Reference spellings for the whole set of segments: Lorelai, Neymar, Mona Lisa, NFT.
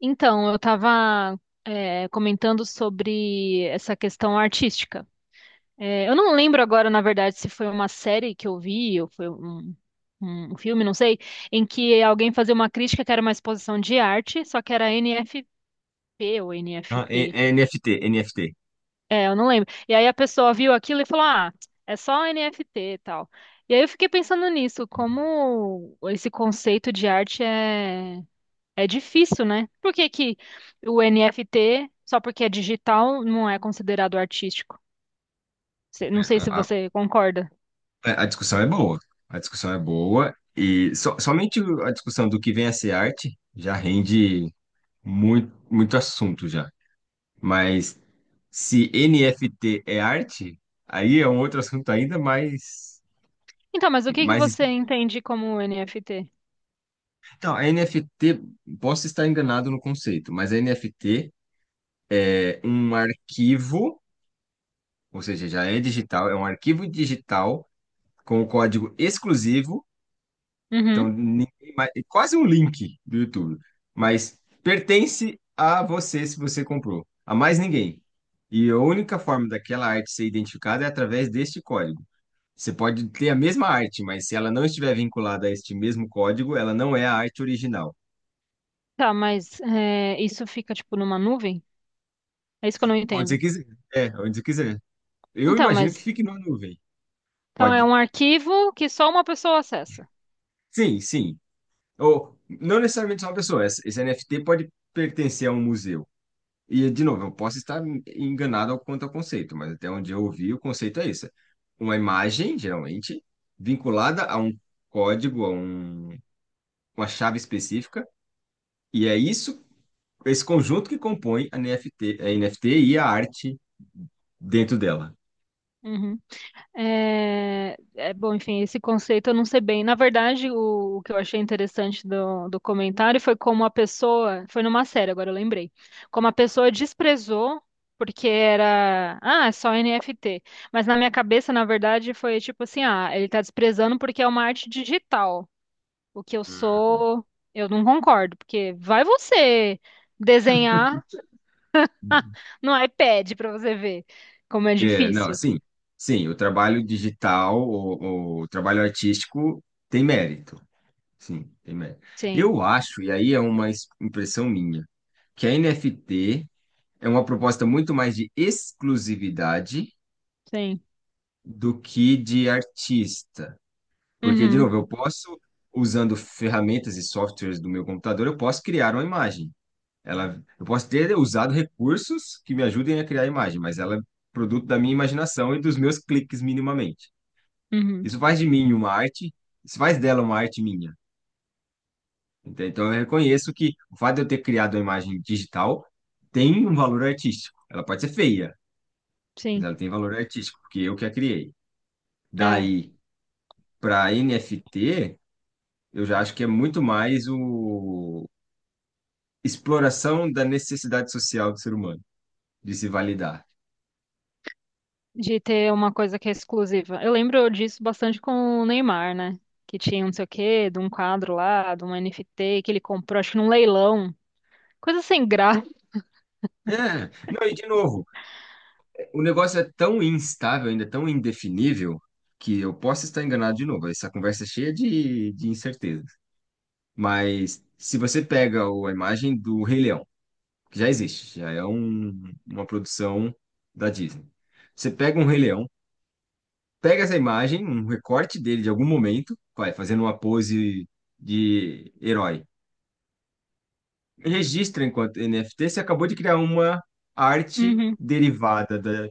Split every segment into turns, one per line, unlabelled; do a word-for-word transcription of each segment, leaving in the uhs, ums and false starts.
Então, eu estava comentando sobre essa questão artística. É, eu não lembro agora, na verdade, se foi uma série que eu vi ou foi um, um filme, não sei, em que alguém fazia uma crítica que era uma exposição de arte, só que era N F P ou
Ah, e-
N F T.
N F T, N F T.
É, eu não lembro. E aí a pessoa viu aquilo e falou: "Ah, é só N F T e tal." E aí eu fiquei pensando nisso, como esse conceito de arte é. É difícil, né? Por que que o N F T, só porque é digital, não é considerado artístico? Cê- Não sei se
A,
você concorda.
a- a discussão é boa. A discussão é boa e so- somente o- a discussão do que vem a ser arte já rende muito, muito assunto já. Mas se N F T é arte, aí é um outro assunto ainda mais,
Então, mas o que que
mais...
você
espi-
entende como N F T?
Então, a N F T, posso estar enganado no conceito, mas a N F T é um arquivo, ou seja, já é digital, é um arquivo digital com o código exclusivo.
Uhum.
Então, ninguém mais, é quase um link do YouTube, mas pertence a você se você comprou, a mais ninguém. E a única forma daquela arte ser identificada é através deste código. Você pode ter a mesma arte, mas se ela não estiver vinculada a este mesmo código, ela não é a arte original.
Tá, mas é, isso fica tipo numa nuvem? É isso que eu não
Onde você
entendo.
quiser. É, onde você quiser. Eu
Então,
imagino que
mas
fique numa nuvem.
então é
Pode.
um arquivo que só uma pessoa acessa.
Sim, sim. Ou não necessariamente só uma pessoa. Esse esse N F T pode pertencer a um museu. E, de novo, eu posso estar enganado ao- quanto ao conceito, mas até onde eu ouvi, o conceito é esse. Uma imagem, geralmente, vinculada a um código, a um, uma chave específica, e é isso, esse conjunto que compõe a N F T, a N F T e a arte dentro dela.
Uhum. É, é, bom, enfim, esse conceito eu não sei bem. Na verdade, o, o que eu achei interessante do, do comentário foi como a pessoa, foi numa série, agora eu lembrei, como a pessoa desprezou porque era, ah, é só N F T. Mas na minha cabeça, na verdade, foi tipo assim, ah, ele tá desprezando porque é uma arte digital. O que eu sou, eu não concordo, porque vai você desenhar no iPad pra você ver como é
É, não,
difícil.
sim, sim, o trabalho digital, o, o trabalho artístico tem mérito, sim, tem mérito.
Sim,
Eu acho, e aí é uma es- impressão minha, que a N F T é uma proposta muito mais de exclusividade
sim.
do que de artista. Porque, de
Uhum,
novo, eu posso, usando ferramentas e softwares do meu computador, eu posso criar uma imagem. Ela, eu posso ter usado recursos que me ajudem a criar a imagem, mas ela é produto da minha imaginação e dos meus cliques minimamente.
uhum,
Isso faz de mim uma arte, isso faz dela uma arte minha. Entende? Então, eu reconheço que o fato de eu ter criado uma imagem digital tem um valor artístico. Ela pode ser feia, mas
sim.
ela tem valor artístico, porque eu que a criei.
É,
Daí, para N F T, eu já acho que é muito mais o exploração da necessidade social do ser humano, de se validar.
de ter uma coisa que é exclusiva. Eu lembro disso bastante com o Neymar, né? Que tinha um não sei o quê, de um quadro lá, de um N F T que ele comprou, acho que num leilão. Coisa sem graça.
É, não, e de novo, o negócio é tão instável, ainda tão indefinível, que eu posso estar enganado de novo. Essa conversa é cheia de, de incertezas. Mas se você pega o- a imagem do Rei Leão, que já existe, já é um- uma produção da Disney. Você pega um Rei Leão, pega essa imagem, um recorte dele de algum momento, vai fazendo uma pose de herói. Registra enquanto N F T, você acabou de criar uma arte
Uhum,
derivada da,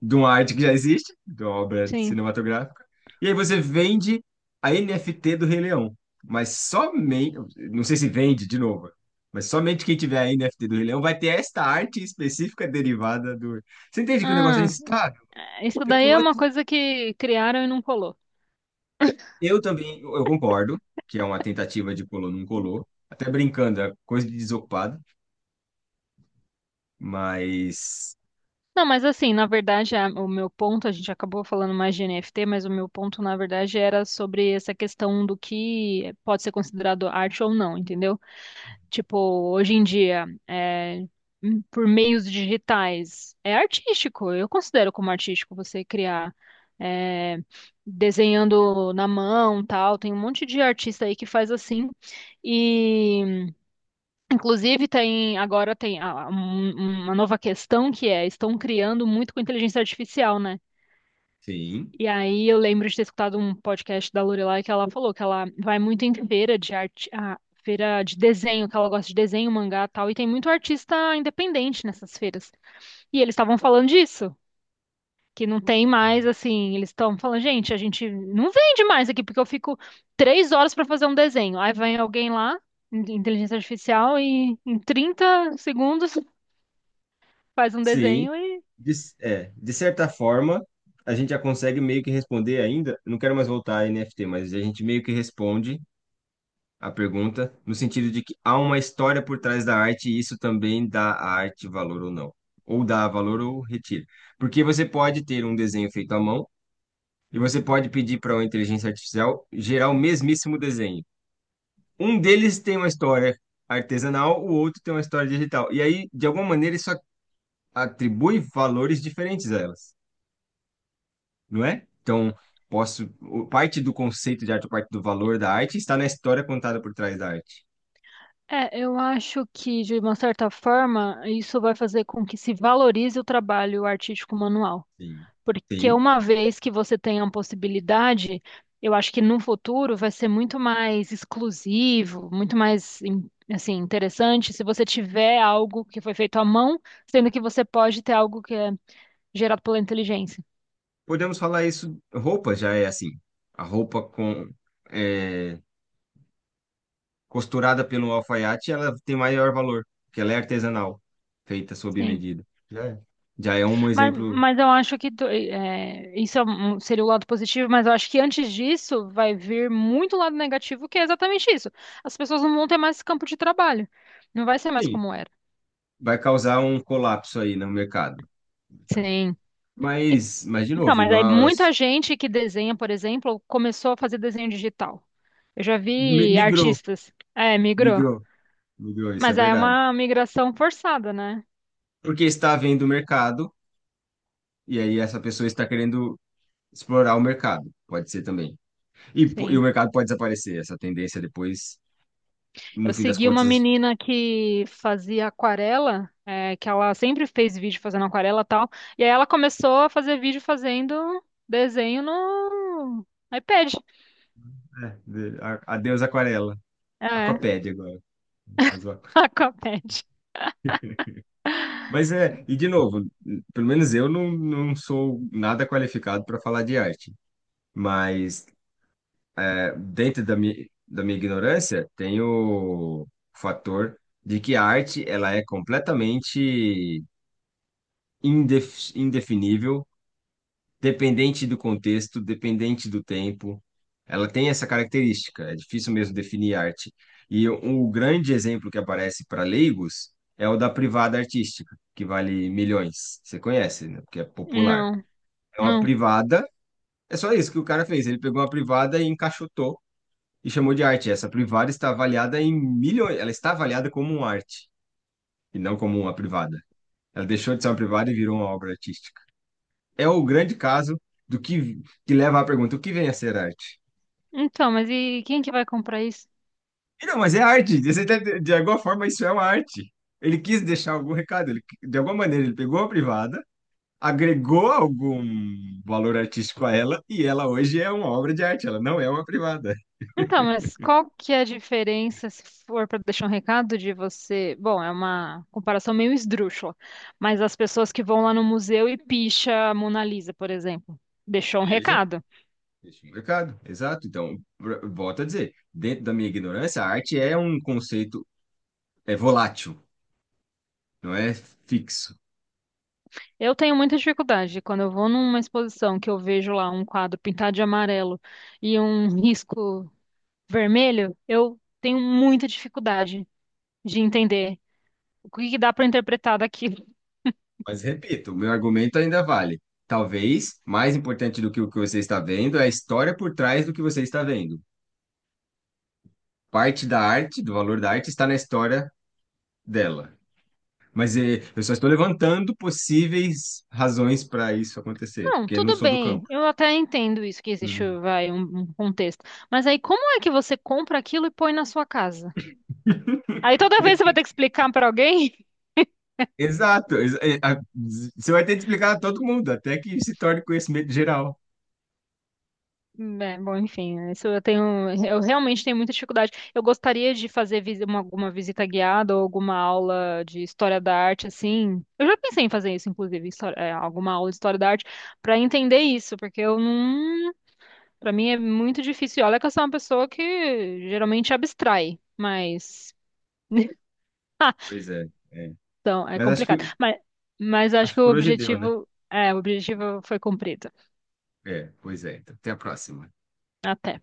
de uma arte que já existe, de uma obra
sim.
cinematográfica. E aí você vende a N F T do Rei Leão. Mas somente, não sei se vende de novo, mas somente quem tiver a N F T do Rei Leão vai ter esta arte específica derivada do. Você entende que o negócio é
Ah,
instável.
é, isso daí é uma coisa que criaram e não colou.
Eu também, eu eu concordo que é uma tentativa de colou, não colou. Até brincando, é coisa de desocupado, mas
Não, mas assim, na verdade, a- o meu ponto, a gente acabou falando mais de N F T, mas o meu ponto, na verdade, era sobre essa questão do que pode ser considerado arte ou não, entendeu? Tipo, hoje em dia, é, hum, por meios digitais, é artístico. Eu considero como artístico você criar é, desenhando na mão, tal. Tem um monte de artista aí que faz assim. E, inclusive, tem agora tem a- um- uma nova questão que é, estão criando muito com inteligência artificial, né?
sim,
E aí eu lembro de ter escutado um podcast da Lorelai que ela falou que ela vai muito em feira de arte, ah, feira de desenho, que ela gosta de desenho, mangá, e tal, e tem muito artista independente nessas feiras. E eles estavam falando disso, que não tem mais assim, eles estão falando, gente, a gente não vende mais aqui porque eu fico três horas para fazer um desenho. Aí vem alguém lá, in- inteligência artificial, e em trinta segundos faz um
sim.
desenho.
De, é, de certa forma, a gente já consegue meio que responder ainda. Eu não quero mais voltar a N F T, mas a gente meio que responde a pergunta no sentido de que há uma história por trás da arte e isso também dá à arte valor ou não. Ou dá valor ou retira. Porque você pode ter um desenho feito à mão e você pode pedir para uma inteligência artificial gerar o mesmíssimo desenho. Um deles tem uma história artesanal, o outro tem uma história digital. E aí, de alguma maneira, isso atribui valores diferentes a elas, não é? Então, posso, o- parte do conceito de arte, parte do valor da arte está na história contada por trás da arte.
É, eu acho que, de uma certa forma, isso vai fazer com que se valorize o trabalho artístico manual.
Sim.
Porque
Sim.
uma vez que você tenha uma possibilidade, eu acho que no futuro vai ser muito mais exclusivo, muito mais, in- assim, interessante se você tiver algo que foi feito à mão, sendo que você pode ter algo que é gerado pela inteligência.
Podemos falar isso, roupa já é assim. A roupa com é, costurada pelo alfaiate, ela tem maior valor, porque ela é artesanal, feita sob
Sim.
medida. Já é, já é um
Mas,
exemplo.
mas eu acho que tu- é, isso é um- seria o lado positivo, mas eu acho que antes disso vai vir muito lado negativo, que é exatamente isso. As pessoas não vão ter mais campo de trabalho. Não vai ser mais
Sim.
como era.
Vai causar um colapso aí no mercado.
Sim. E-
Mas, mas de
Então,
novo, e
mas é muita
nós
gente que desenha, por exemplo, começou a fazer desenho digital. Eu já
mi-
vi
migrou,
artistas. É, migrou.
migrou, migrou, isso é
Mas aí é
verdade.
uma migração forçada, né?
Porque está havendo mercado, e aí essa pessoa está querendo explorar o mercado, pode ser também. E, po- e
Sim.
o mercado pode desaparecer, essa tendência depois, no
Eu
fim das
segui uma
contas,
menina que fazia aquarela, é, que ela sempre fez vídeo fazendo aquarela e tal. E aí ela começou a fazer vídeo fazendo desenho no iPad.
é, de- a- adeus aquarela,
É,
aquapédia agora. Mas, ó.
Aquapad.
Mas é, e de novo, pelo menos eu não, não sou nada qualificado para falar de arte, mas é, dentro da minha, da minha ignorância, tem o fator de que a arte ela é completamente indef, indefinível, dependente do contexto, dependente do tempo. Ela tem essa característica, é difícil mesmo definir arte. E o o grande exemplo que aparece para leigos é o da privada artística, que vale milhões. Você conhece, né? Porque é popular.
Não,
É uma
não.
privada, é só isso que o cara fez. Ele pegou uma privada e encaixotou e chamou de arte. Essa privada está avaliada em milhões, ela está avaliada como uma arte e não como uma privada. Ela deixou de ser uma privada e virou uma obra artística, é o grande caso do que, que leva à pergunta: o que vem a ser arte?
Então, mas e quem que vai comprar isso?
E não, mas é arte. Você tá- De alguma forma, isso é uma arte. Ele quis deixar algum recado. Ele, de alguma maneira, ele pegou a privada, agregou algum valor artístico a ela, e ela hoje é uma obra de arte. Ela não é uma privada.
Então, mas qual que é a diferença, se for para deixar um recado de você? Bom, é uma comparação meio esdrúxula, mas as pessoas que vão lá no museu e picha a Mona Lisa, por exemplo, deixou um
Veja,
recado.
deixa um recado. Exato. Então, pr- volto a dizer: dentro da minha ignorância, a arte é um conceito é volátil, não é fixo.
Eu tenho muita dificuldade quando eu vou numa exposição que eu vejo lá um quadro pintado de amarelo e um risco vermelho, eu tenho muita dificuldade de entender o que que dá para interpretar daquilo.
Mas repito, o meu argumento ainda vale. Talvez mais importante do que o que você está vendo é a história por trás do que você está vendo. Parte da arte, do valor da arte, está na história dela. Mas eh, eu só estou levantando possíveis razões para isso acontecer,
Não,
porque eu não
tudo
sou do
bem,
campo.
eu até entendo isso que existe,
Hum.
vai, um, um contexto. Mas aí como é que você compra aquilo e põe na sua casa? Aí toda vez você vai ter que explicar para alguém?
Exato. exa- eh, a- Você vai ter que explicar a todo mundo, até que se torne conhecimento geral.
É, bom, enfim, isso eu tenho, eu realmente tenho muita dificuldade. Eu gostaria de fazer visi- uma- alguma visita guiada ou alguma aula de história da arte, assim. Eu já pensei em fazer isso, inclusive, histó- é, alguma aula de história da arte, para entender isso, porque eu não, para mim é muito difícil. E olha que eu sou uma pessoa que geralmente abstrai, mas
Pois é, é.
então é
Mas acho
complicado.
que,
Mas, mas acho
acho
que
que
o
por hoje deu, né?
objetivo, é, o objetivo foi cumprido.
É, pois é. Então, até a próxima.
Até.